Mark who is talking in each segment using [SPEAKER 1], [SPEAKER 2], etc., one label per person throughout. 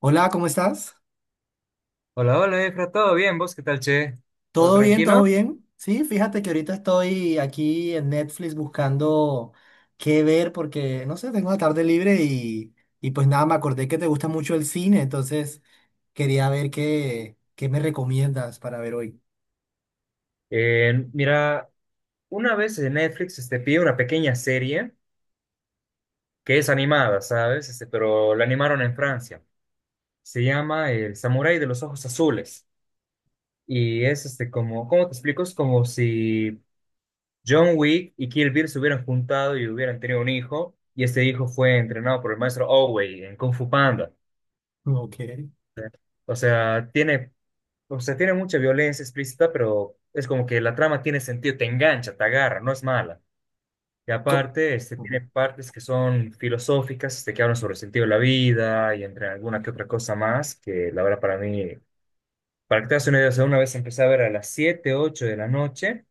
[SPEAKER 1] Hola, ¿cómo estás?
[SPEAKER 2] Hola, hola, Efra, ¿todo bien? ¿Vos qué tal, che? ¿Todo
[SPEAKER 1] ¿Todo bien? ¿Todo
[SPEAKER 2] tranquilo?
[SPEAKER 1] bien? Sí, fíjate que ahorita estoy aquí en Netflix buscando qué ver porque, no sé, tengo la tarde libre y pues nada, me acordé que te gusta mucho el cine, entonces quería ver qué me recomiendas para ver hoy.
[SPEAKER 2] Mira, una vez en Netflix este, pide una pequeña serie que es animada, ¿sabes? Este, pero la animaron en Francia. Se llama El Samurái de los Ojos Azules. Y es este, como, ¿cómo te explico? Es como si John Wick y Kill Bill se hubieran juntado y hubieran tenido un hijo, y este hijo fue entrenado por el maestro Oogway en Kung Fu Panda.
[SPEAKER 1] Ok.
[SPEAKER 2] O sea, tiene O sea, tiene mucha violencia explícita, pero es como que la trama tiene sentido, te engancha, te agarra, no es mala. Y
[SPEAKER 1] Co-
[SPEAKER 2] aparte, este, tiene
[SPEAKER 1] Ujú.
[SPEAKER 2] partes que son filosóficas, este, que hablan sobre el sentido de la vida y entre alguna que otra cosa más, que la verdad para mí, para que te hagas una idea, o sea, una vez empecé a ver a las 7, 8 de la noche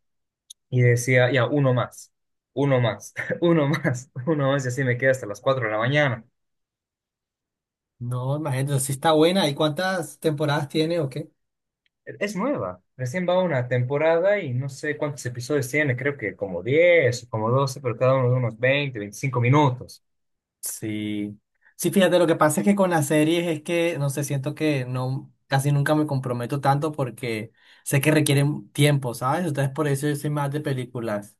[SPEAKER 2] y decía, ya, uno más, uno más, y así me quedé hasta las 4 de la mañana.
[SPEAKER 1] No, imagínate, sí está buena. ¿Y cuántas temporadas tiene o qué?
[SPEAKER 2] Es nueva, recién va una temporada y no sé cuántos episodios tiene, creo que como 10 o como 12 pero cada uno de unos 20, 25 minutos.
[SPEAKER 1] Sí. Sí, fíjate, lo que pasa es que con las series es que, no sé, siento que no, casi nunca me comprometo tanto porque sé que requieren tiempo, ¿sabes? Entonces por eso yo soy más de películas.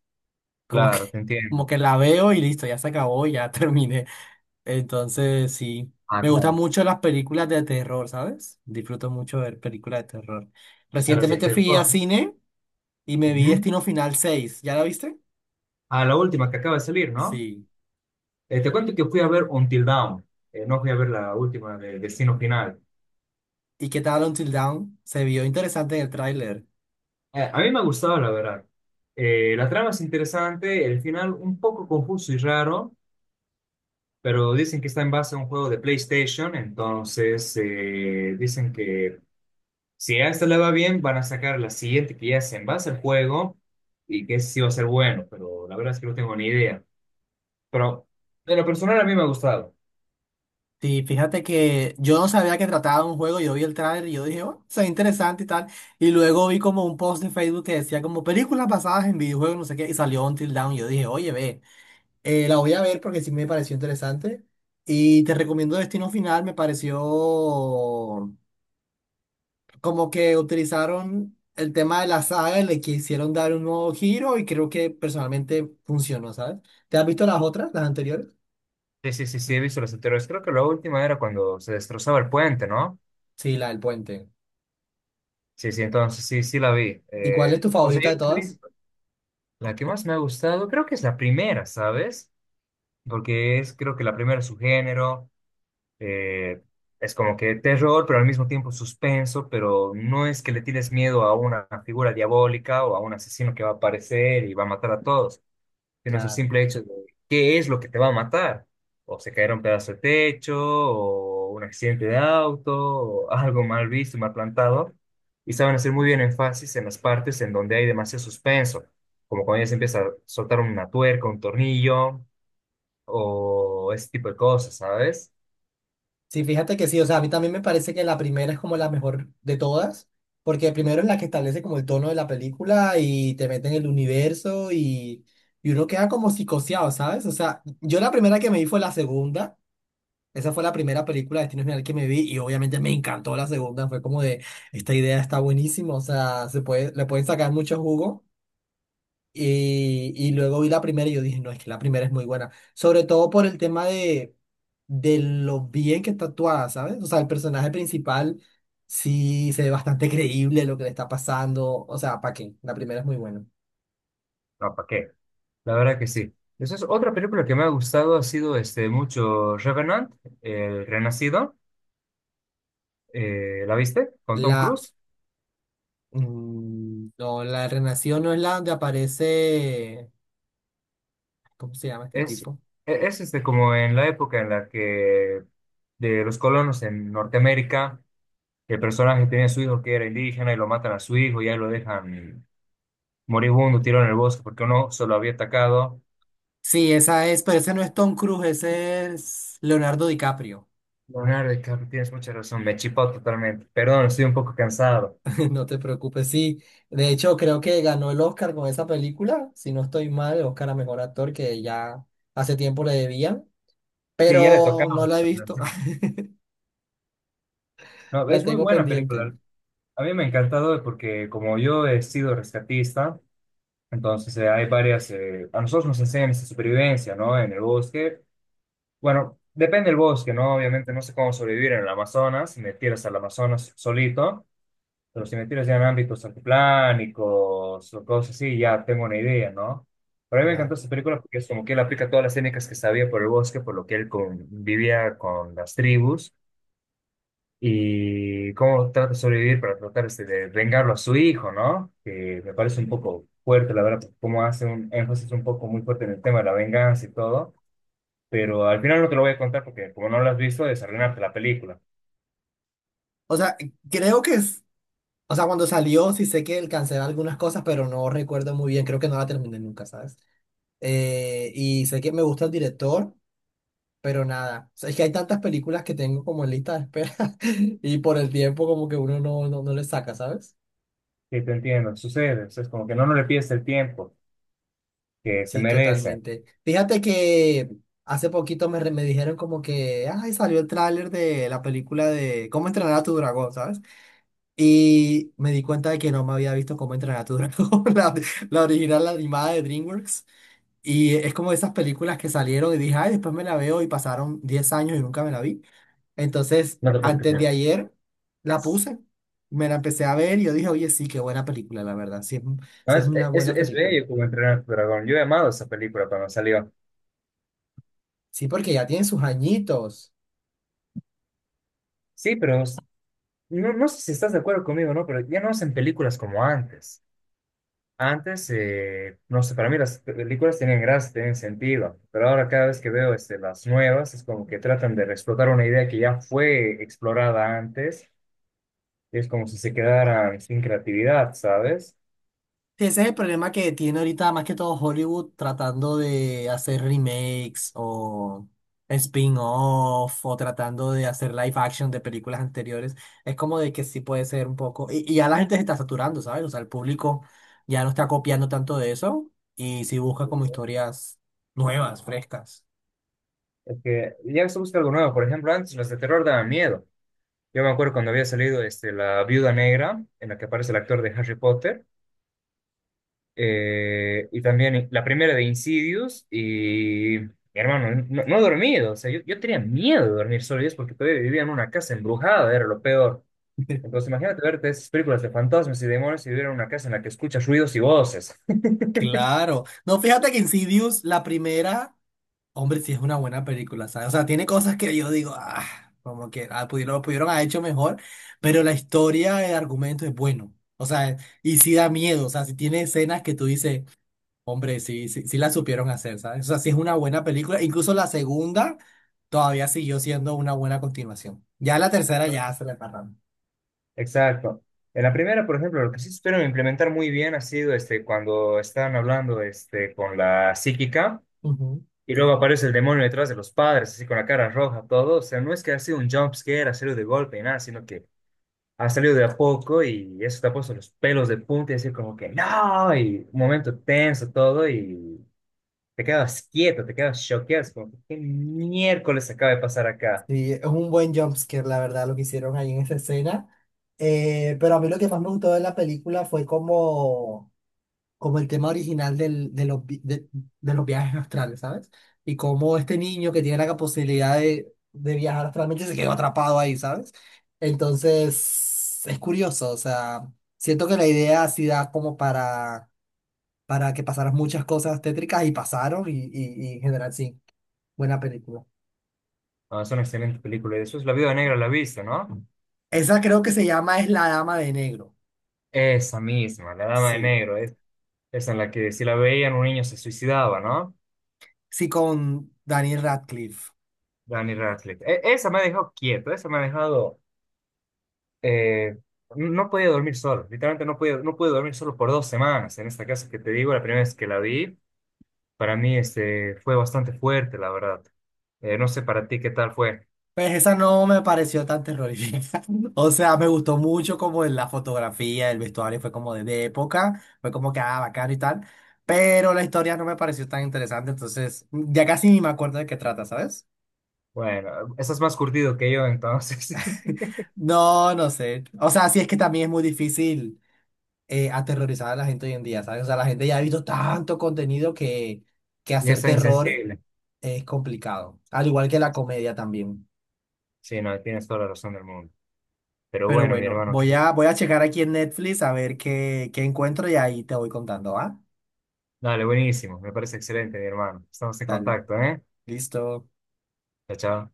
[SPEAKER 1] Como que,
[SPEAKER 2] Claro, te
[SPEAKER 1] como
[SPEAKER 2] entiendo.
[SPEAKER 1] que la veo y listo, ya se acabó, ya terminé. Entonces, sí.
[SPEAKER 2] Ah,
[SPEAKER 1] Me gustan
[SPEAKER 2] claro.
[SPEAKER 1] mucho las películas de terror, ¿sabes? Disfruto mucho ver películas de terror.
[SPEAKER 2] A los de
[SPEAKER 1] Recientemente fui a
[SPEAKER 2] Telfónica.
[SPEAKER 1] cine y me vi
[SPEAKER 2] Ujú.
[SPEAKER 1] Destino Final 6. ¿Ya la viste?
[SPEAKER 2] A la última que acaba de salir, ¿no?
[SPEAKER 1] Sí.
[SPEAKER 2] Te cuento que fui a ver Until Dawn, no fui a ver la última de Destino Final.
[SPEAKER 1] ¿Y qué tal Until Dawn? Se vio interesante en el tráiler.
[SPEAKER 2] A mí me ha gustado, la verdad. La trama es interesante, el final un poco confuso y raro, pero dicen que está en base a un juego de PlayStation, entonces dicen que si a esta le va bien, van a sacar la siguiente que ya se en base al juego y que sí va a ser bueno, pero la verdad es que no tengo ni idea. Pero de lo personal a mí me ha gustado.
[SPEAKER 1] Sí, fíjate que yo no sabía que trataba de un juego, yo vi el tráiler y yo dije, oh, se ve interesante y tal, y luego vi como un post de Facebook que decía como películas basadas en videojuegos, no sé qué, y salió Until Dawn, y yo dije, oye, ve, la voy a ver porque sí me pareció interesante, y te recomiendo Destino Final, me pareció como que utilizaron el tema de la saga y le quisieron dar un nuevo giro, y creo que personalmente funcionó, ¿sabes? ¿Te has visto las otras, las anteriores?
[SPEAKER 2] Sí, sí, sí, sí, he visto los anteriores. Creo que la última era cuando se destrozaba el puente, ¿no?
[SPEAKER 1] Sí, la del puente.
[SPEAKER 2] Sí, sí, entonces sí, sí la vi.
[SPEAKER 1] ¿Y cuál es tu
[SPEAKER 2] O sea,
[SPEAKER 1] favorita
[SPEAKER 2] yo
[SPEAKER 1] de todas?
[SPEAKER 2] la que más me ha gustado creo que es la primera, ¿sabes? Porque es creo que la primera es su género. Eh, es como que terror, pero al mismo tiempo suspenso, pero no es que le tienes miedo a una figura diabólica o a un asesino que va a aparecer y va a matar a todos, sino es el
[SPEAKER 1] Claro.
[SPEAKER 2] simple hecho de qué es lo que te va a matar. O se caerá un pedazo de techo, o un accidente de auto, o algo mal visto, mal plantado. Y saben hacer muy bien énfasis en las partes en donde hay demasiado suspenso, como cuando ya se empieza a soltar una tuerca, un tornillo, o ese tipo de cosas, ¿sabes?
[SPEAKER 1] Sí, fíjate que sí, o sea, a mí también me parece que la primera es como la mejor de todas, porque primero es la que establece como el tono de la película y te mete en el universo y uno queda como psicoseado, ¿sabes? O sea, yo la primera que me vi fue la segunda, esa fue la primera película de Destino Final que me vi y obviamente me encantó la segunda, fue como de, esta idea está buenísima, o sea, se puede, le pueden sacar mucho jugo. Y luego vi la primera y yo dije, no, es que la primera es muy buena. Sobre todo por el tema de lo bien que está actuada, ¿sabes? O sea, el personaje principal sí se ve bastante creíble lo que le está pasando. O sea, ¿para qué? La primera es muy buena.
[SPEAKER 2] No, ¿para qué? La verdad que sí. Esa es otra película que me ha gustado, ha sido este, mucho Revenant, El Renacido. ¿La viste? Con Tom
[SPEAKER 1] La...
[SPEAKER 2] Cruise.
[SPEAKER 1] no, la de Renación no es la donde aparece... ¿Cómo se llama este
[SPEAKER 2] Es, e-
[SPEAKER 1] tipo?
[SPEAKER 2] es este, como en la época en la que de los colonos en Norteamérica, el personaje tenía a su hijo que era indígena y lo matan a su hijo y ahí lo dejan moribundo, tirado en el bosque porque uno se lo había atacado.
[SPEAKER 1] Sí, esa es, pero ese no es Tom Cruise, ese es Leonardo DiCaprio.
[SPEAKER 2] Leonardo DiCaprio, tienes mucha razón, me chipó totalmente. Perdón, estoy un poco cansado.
[SPEAKER 1] No te preocupes, sí. De hecho, creo que ganó el Oscar con esa película. Si no estoy mal, el Oscar a mejor actor que ya hace tiempo le debían,
[SPEAKER 2] Sí, ya le
[SPEAKER 1] pero
[SPEAKER 2] tocaba.
[SPEAKER 1] no la he visto.
[SPEAKER 2] No,
[SPEAKER 1] La
[SPEAKER 2] es muy
[SPEAKER 1] tengo
[SPEAKER 2] buena
[SPEAKER 1] pendiente.
[SPEAKER 2] película. A mí me ha encantado porque como yo he sido rescatista, entonces hay varias, a nosotros nos enseñan esa supervivencia, ¿no? En el bosque. Bueno, depende del bosque, ¿no? Obviamente no sé cómo sobrevivir en el Amazonas, si me tiras al Amazonas solito, pero si me tiras ya en ámbitos altiplánicos o cosas así, ya tengo una idea, ¿no? Pero a mí me encantó
[SPEAKER 1] Claro.
[SPEAKER 2] esta película porque es como que él aplica todas las técnicas que sabía por el bosque, por lo que él convivía con las tribus y cómo trata de sobrevivir para tratar este, de vengarlo a su hijo, ¿no? Que me parece un poco fuerte, la verdad, como hace un énfasis un poco muy fuerte en el tema de la venganza y todo, pero al final no te lo voy a contar porque como no lo has visto, es arruinarte la película.
[SPEAKER 1] O sea, creo que es. O sea, cuando salió, sí sé que cancelé algunas cosas, pero no recuerdo muy bien. Creo que no la terminé nunca, ¿sabes? Y sé que me gusta el director, pero nada. O sea, es que hay tantas películas que tengo como en lista de espera y por el tiempo, como que uno no le saca, ¿sabes?
[SPEAKER 2] Sí, te entiendo, sucede, o sea, es como que no, no le pides el tiempo que se
[SPEAKER 1] Sí,
[SPEAKER 2] merece.
[SPEAKER 1] totalmente. Fíjate que hace poquito me, re- me dijeron como que, ay, salió el tráiler de la película de Cómo entrenar a tu dragón, ¿sabes? Y me di cuenta de que no me había visto Cómo entrenar a tu dragón, la original, la animada de DreamWorks. Y es como esas películas que salieron y dije, ay, después me la veo y pasaron 10 años y nunca me la vi. Entonces,
[SPEAKER 2] No te puedo
[SPEAKER 1] antes de
[SPEAKER 2] creer.
[SPEAKER 1] ayer, la puse, me la empecé a ver y yo dije, oye, sí, qué buena película, la verdad, sí, es un-
[SPEAKER 2] No,
[SPEAKER 1] sí es
[SPEAKER 2] es,
[SPEAKER 1] una
[SPEAKER 2] es,
[SPEAKER 1] buena
[SPEAKER 2] es
[SPEAKER 1] película.
[SPEAKER 2] bello como entrenar a tu dragón. Yo he amado esa película cuando salió.
[SPEAKER 1] Sí, porque ya tiene sus añitos.
[SPEAKER 2] Sí, pero no, no sé si estás de acuerdo conmigo, ¿no? Pero ya no hacen películas como antes. Antes, no sé, para mí las películas tenían gracia, tenían sentido, pero ahora cada vez que veo este, las nuevas es como que tratan de explotar una idea que ya fue explorada antes, y es como si se quedaran sin creatividad, ¿sabes?
[SPEAKER 1] Sí, ese es el problema que tiene ahorita más que todo Hollywood tratando de hacer remakes o spin-off o tratando de hacer live action de películas anteriores. Es como de que sí puede ser un poco... Y ya la gente se está saturando, ¿sabes? O sea, el público ya no está copiando tanto de eso y sí busca como historias nuevas, frescas.
[SPEAKER 2] Es que ya se busca algo nuevo, por ejemplo, antes las de terror daban miedo. Yo me acuerdo cuando había salido este, La Viuda Negra, en la que aparece el actor de Harry Potter. Y también la primera de Insidious y mi hermano, no, no he dormido, o sea, yo tenía miedo de dormir solo y es porque todavía vivía en una casa embrujada, era lo peor. Entonces imagínate verte esas películas de fantasmas y demonios y vivir en una casa en la que escuchas ruidos y voces.
[SPEAKER 1] Claro. No, fíjate que Insidious, la primera... Hombre, sí es una buena película, ¿sabes? O sea, tiene cosas que yo digo, ah, como que ah, pudieron, lo pudieron haber hecho mejor, pero la historia, el argumento es bueno. O sea, y sí da miedo, o sea, si tiene escenas que tú dices, hombre, sí la supieron hacer, ¿sabes? O sea, sí es una buena película. Incluso la segunda todavía siguió siendo una buena continuación. Ya la tercera ya se le paran.
[SPEAKER 2] Exacto. En la primera, por ejemplo, lo que sí espero implementar muy bien ha sido este, cuando están hablando este, con la psíquica
[SPEAKER 1] Ujú.
[SPEAKER 2] y luego aparece el demonio detrás de los padres, así con la cara roja, todo. O sea, no es que ha sido un jump scare, hacerlo de golpe, y nada, sino que ha salido de a poco y eso te ha puesto los pelos de punta y decir como que no, y un momento tenso todo y te quedas quieto, te quedas choqueado, es como que qué miércoles acaba de pasar acá.
[SPEAKER 1] Sí, es un buen jumpscare, la verdad, lo que hicieron ahí en esa escena. Pero a mí lo que más me gustó de la película fue como... como el tema original del- de, los, vi- de los viajes astrales, ¿sabes? Y como este niño que tiene la posibilidad de viajar astralmente se quedó atrapado ahí, ¿sabes? Entonces, es curioso, o sea, siento que la idea sí da como para que pasaran muchas cosas tétricas y pasaron y en general sí, buena película.
[SPEAKER 2] Ah, es una excelente película y después La Viuda Negra la viste, ¿no?
[SPEAKER 1] Esa creo que se llama Es la Dama de Negro.
[SPEAKER 2] Esa misma, La Dama de
[SPEAKER 1] Sí.
[SPEAKER 2] Negro, es, esa en la que si la veían un niño se suicidaba, ¿no?
[SPEAKER 1] Sí, con Daniel Radcliffe.
[SPEAKER 2] Danny Radcliffe. E- esa me ha dejado quieto, esa me ha dejado... eh, no podía dormir solo, literalmente no podía, no pude dormir solo por 2 semanas en esta casa que te digo, la primera vez que la vi. Para mí este, fue bastante fuerte, la verdad. No sé para ti qué tal fue.
[SPEAKER 1] Pues esa no me pareció tan terrorífica. O sea, me gustó mucho como en la fotografía, el vestuario fue como de época, fue como que ah, bacano y tal, pero la historia no me pareció tan interesante, entonces ya casi ni me acuerdo de qué trata, ¿sabes?
[SPEAKER 2] Bueno, estás más curtido que yo, entonces.
[SPEAKER 1] No, no sé. O sea, sí es que también es muy difícil aterrorizar a la gente hoy en día, ¿sabes? O sea, la gente ya ha visto tanto contenido que
[SPEAKER 2] Y
[SPEAKER 1] hacer
[SPEAKER 2] está
[SPEAKER 1] terror
[SPEAKER 2] insensible.
[SPEAKER 1] es complicado, al igual que la comedia también.
[SPEAKER 2] Sí, no, tienes toda la razón del mundo. Pero
[SPEAKER 1] Pero
[SPEAKER 2] bueno, mi
[SPEAKER 1] bueno,
[SPEAKER 2] hermano, que-
[SPEAKER 1] voy a checar aquí en Netflix a ver qué encuentro y ahí te voy contando, ¿va?
[SPEAKER 2] dale, buenísimo. Me parece excelente, mi hermano. Estamos en
[SPEAKER 1] Dale,
[SPEAKER 2] contacto, ¿eh?
[SPEAKER 1] listo.
[SPEAKER 2] Chao, chao.